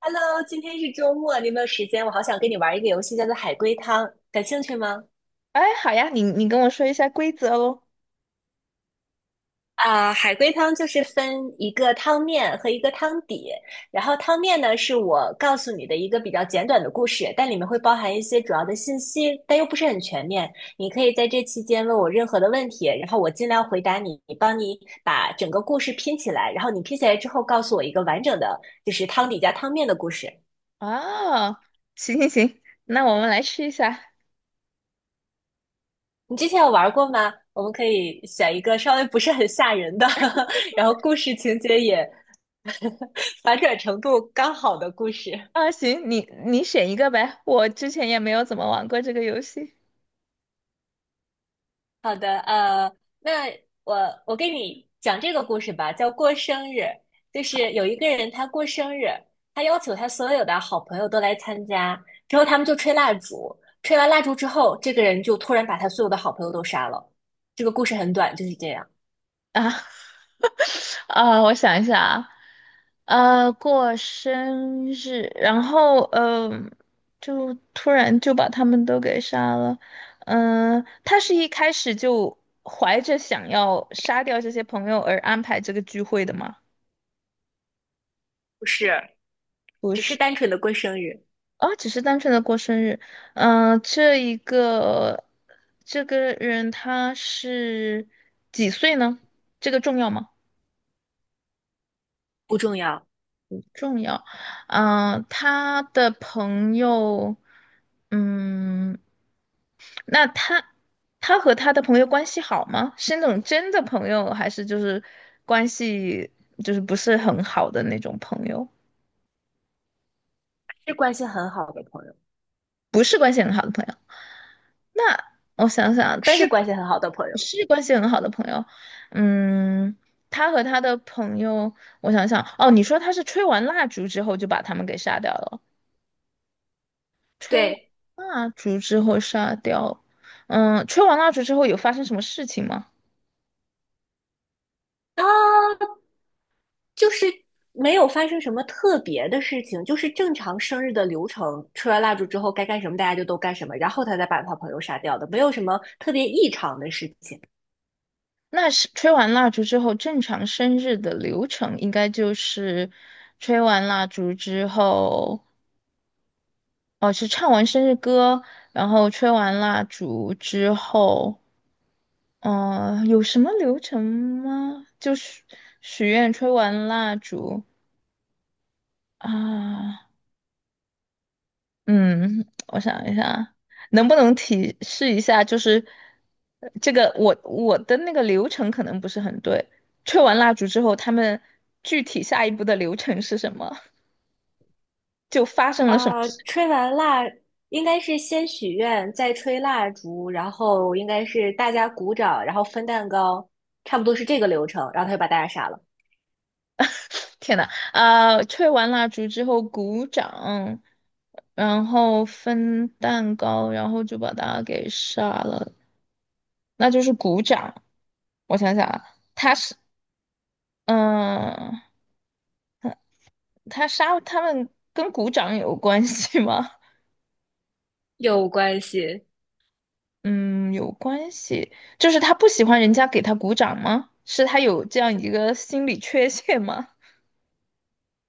Hello，今天是周末，你有没有时间？我好想跟你玩一个游戏，叫做海龟汤，感兴趣吗？哎，好呀，你跟我说一下规则喽。啊，海龟汤就是分一个汤面和一个汤底，然后汤面呢是我告诉你的一个比较简短的故事，但里面会包含一些主要的信息，但又不是很全面。你可以在这期间问我任何的问题，然后我尽量回答你，帮你把整个故事拼起来，然后你拼起来之后告诉我一个完整的，就是汤底加汤面的故事。啊，行行行，那我们来试一下。你之前有玩过吗？我们可以选一个稍微不是很吓人的，然后故事情节也 反转程度刚好的故事。啊，行，你选一个呗，我之前也没有怎么玩过这个游戏好的，那我我给你讲这个故事吧，叫过生日。就是有一个人他过生日，他要求他所有的好朋友都来参加，之后他们就吹蜡烛，吹完蜡烛之后，这个人就突然把他所有的好朋友都杀了。这个故事很短，就是这样，啊。啊，我想一下啊，过生日，然后就突然就把他们都给杀了。嗯、他是一开始就怀着想要杀掉这些朋友而安排这个聚会的吗？不是，不只是是。单纯的过生日，哦，只是单纯的过生日。嗯、这个人他是几岁呢？这个重要吗？不重要。重要。嗯、他的朋友，嗯，那他他和他的朋友关系好吗？是那种真的朋友，还是就是关系就是不是很好的那种朋友？是关系很好的朋友，不是关系很好的朋友。那我想想啊，但是是关系很好的朋不友。是关系很好的朋友，嗯，他和他的朋友，我想想，哦，你说他是吹完蜡烛之后就把他们给杀掉了，对，蜡烛之后杀掉，嗯，吹完蜡烛之后有发生什么事情吗？啊，就是没有发生什么特别的事情，就是正常生日的流程，吹完蜡烛之后该干什么大家就都干什么，然后他再把他朋友杀掉的，没有什么特别异常的事情。那是吹完蜡烛之后，正常生日的流程应该就是吹完蜡烛之后，哦，是唱完生日歌，然后吹完蜡烛之后。嗯，有什么流程吗？就是许愿、吹完蜡烛啊。嗯，我想一下，能不能提示一下？就是这个我的那个流程可能不是很对。吹完蜡烛之后，他们具体下一步的流程是什么？就发生了什么啊、事吹完蜡应该是先许愿，再吹蜡烛，然后应该是大家鼓掌，然后分蛋糕，差不多是这个流程，然后他就把大家杀了。天呐，啊、吹完蜡烛之后鼓掌，然后分蛋糕，然后就把它给杀了。那就是鼓掌。我想想啊，他是嗯，他他杀他们跟鼓掌有关系吗？有关系 嗯，有关系，就是他不喜欢人家给他鼓掌吗？是他有这样一个心理缺陷吗？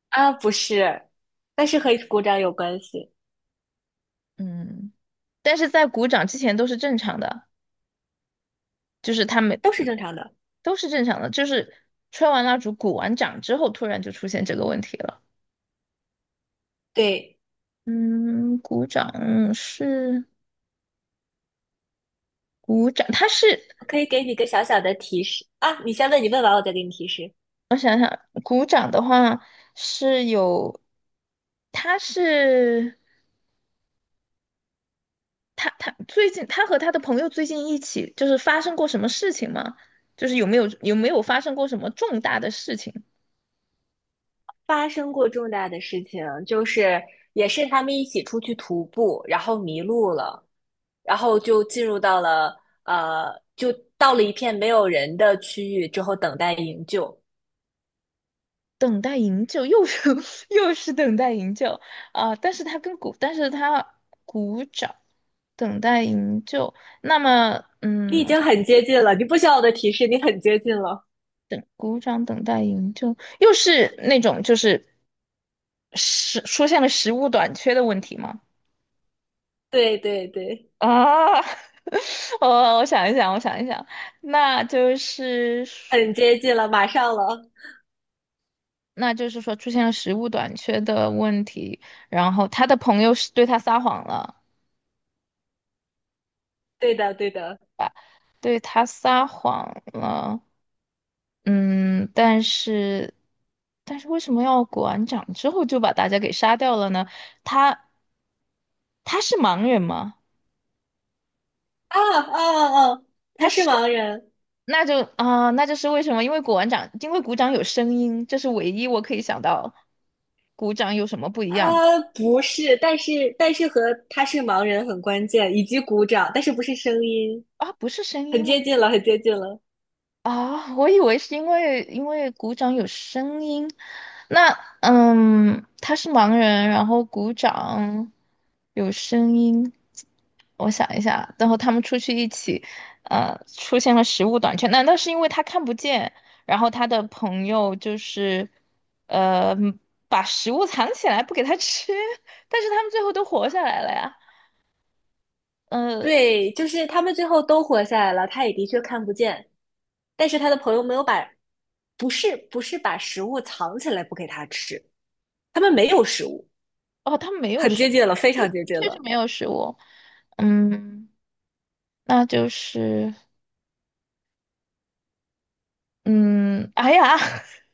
啊，不是，但是和鼓掌有关系。嗯，但是在鼓掌之前都是正常的，就是他们都是正常的。都是正常的，就是吹完蜡烛、鼓完掌之后，突然就出现这个问题了。对，嗯，鼓掌，他是。我可以给你个小小的提示啊，你先问，你问完我再给你提示。鼓掌的话是有，他是他最近他和他的朋友最近一起就是发生过什么事情吗？就是有没有发生过什么重大的事情？发生过重大的事情，就是也是他们一起出去徒步，然后迷路了，然后就进入到了就到了一片没有人的区域之后等待营救。等待营救又是 又是等待营救啊、但是他跟鼓，但是他鼓掌等待营救，那么你嗯，已我经看很接近了，你不需要我的提示，你很接近了。鼓掌等待营救又是那种就是出现了食物短缺的问题吗？对对对，啊，我想一想，我想一想，那就是说很接近了，马上了。那就是说出现了食物短缺的问题，然后他的朋友是对他撒谎了，对的对的。对他撒谎了，嗯，但是为什么要鼓完掌之后就把大家给杀掉了呢？他他是盲人吗？啊啊啊！啊他他是是，盲人。那就啊、那就是为什么？因为鼓完掌，因为鼓掌有声音，这是唯一我可以想到鼓掌有什么不一样的。不是，但是和他是盲人很关键，以及鼓掌，但是不是声音，啊，不是声很音吗？接近了，很接近了。啊，我以为是因为鼓掌有声音。那嗯，他是盲人，然后鼓掌有声音。我想一下，然后他们出去一起，出现了食物短缺。难道是因为他看不见，然后他的朋友就是，呃，把食物藏起来不给他吃，但是他们最后都活下来了呀。呃。对，就是他们最后都活下来了，他也的确看不见，但是他的朋友没有把，不是把食物藏起来不给他吃，他们没有食物，哦，他没有很食接近了，物，非对常接的近确是了，没有食物。嗯，那就是，嗯，哎呀，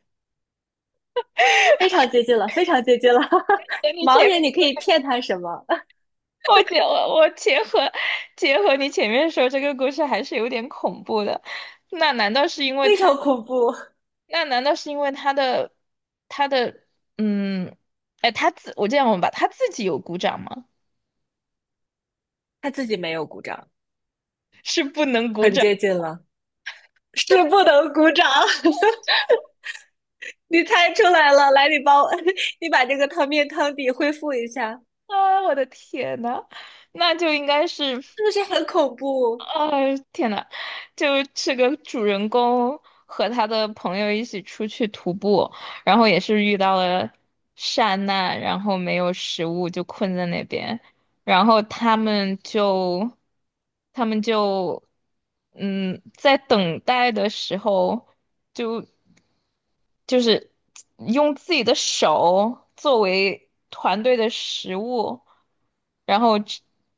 非常接近了，非常接近了。等 你盲前面，人你可以骗他什么？我结合结合你前面说这个故事还是有点恐怖的。那难道是因 为非他？常恐怖，那难道是因为他的嗯，哎，他自我这样问吧，他自己有鼓掌吗？他自己没有鼓掌，是不能鼓很掌接近了，是不能鼓掌。你猜出来了，来，你帮我，你把这个汤面汤底恢复一下，啊！我的天呐，那就应该是。是不是很恐怖？啊天呐，就这个主人公和他的朋友一起出去徒步，然后也是遇到了山难，然后没有食物就困在那边，然后他们就他们就嗯，在等待的时候就就是用自己的手作为团队的食物，然后。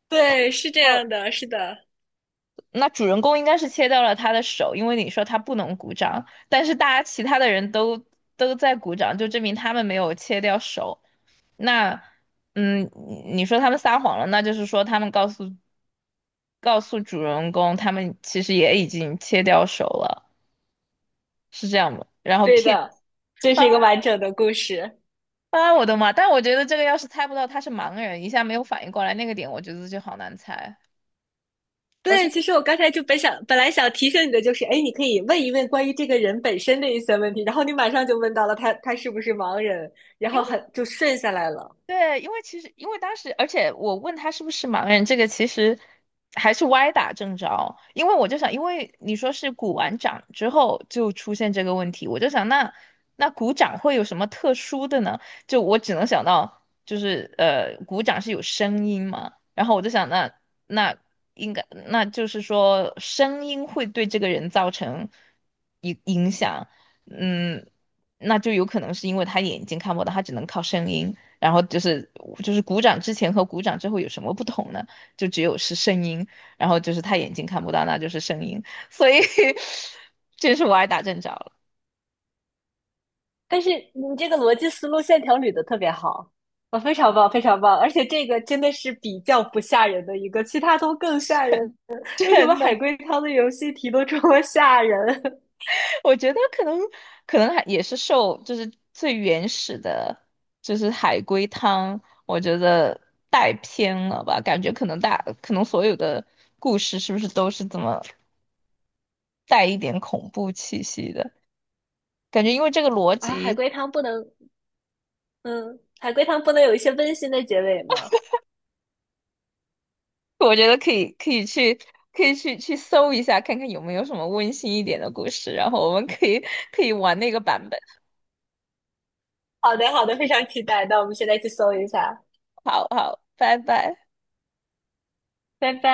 对，是这样的，是的，那主人公应该是切掉了他的手，因为你说他不能鼓掌，但是大家其他的人都在鼓掌，就证明他们没有切掉手。那，嗯，你说他们撒谎了，那就是说他们告诉主人公，他们其实也已经切掉手了，是这样吗？对的，这是一个完整的故事。啊，我的妈！但我觉得这个要是猜不到他是盲人，一下没有反应过来那个点，我觉得就好难猜。而对，且其实我刚才就本想，本来想提醒你的就是，哎，你可以问一问关于这个人本身的一些问题，然后你马上就问到了他，他是不是盲人，然因后为很就顺下来了。对，因为当时，而且我问他是不是盲人，这个其实还是歪打正着。因为我就想，因为你说是鼓完掌之后就出现这个问题，我就想那鼓掌会有什么特殊的呢？就我只能想到就是鼓掌是有声音嘛，然后我就想那应该那就是说声音会对这个人造成影响，嗯，那就有可能是因为他眼睛看不到，他只能靠声音。然后就是就是鼓掌之前和鼓掌之后有什么不同呢？就只有是声音，然后就是他眼睛看不到，那就是声音，所以 这是我挨打正着了。但是你这个逻辑思路线条捋的特别好，啊，非常棒，非常棒，而且这个真的是比较不吓人的一个，其他都更吓人。为什么真的，海龟汤的游戏题都这么吓人 我觉得可能也是受就是最原始的，就是海龟汤，我觉得带偏了吧，感觉可能所有的故事是不是都是这么带一点恐怖气息的感觉，因为这个逻 啊？海辑。龟汤不能，嗯，海龟汤不能有一些温馨的结尾吗？我觉得可以，去搜一下，看看有没有什么温馨一点的故事，然后我们可以玩那个版本。好的，好的，非常期待。那我们现在去搜一下，好好，拜拜。拜拜。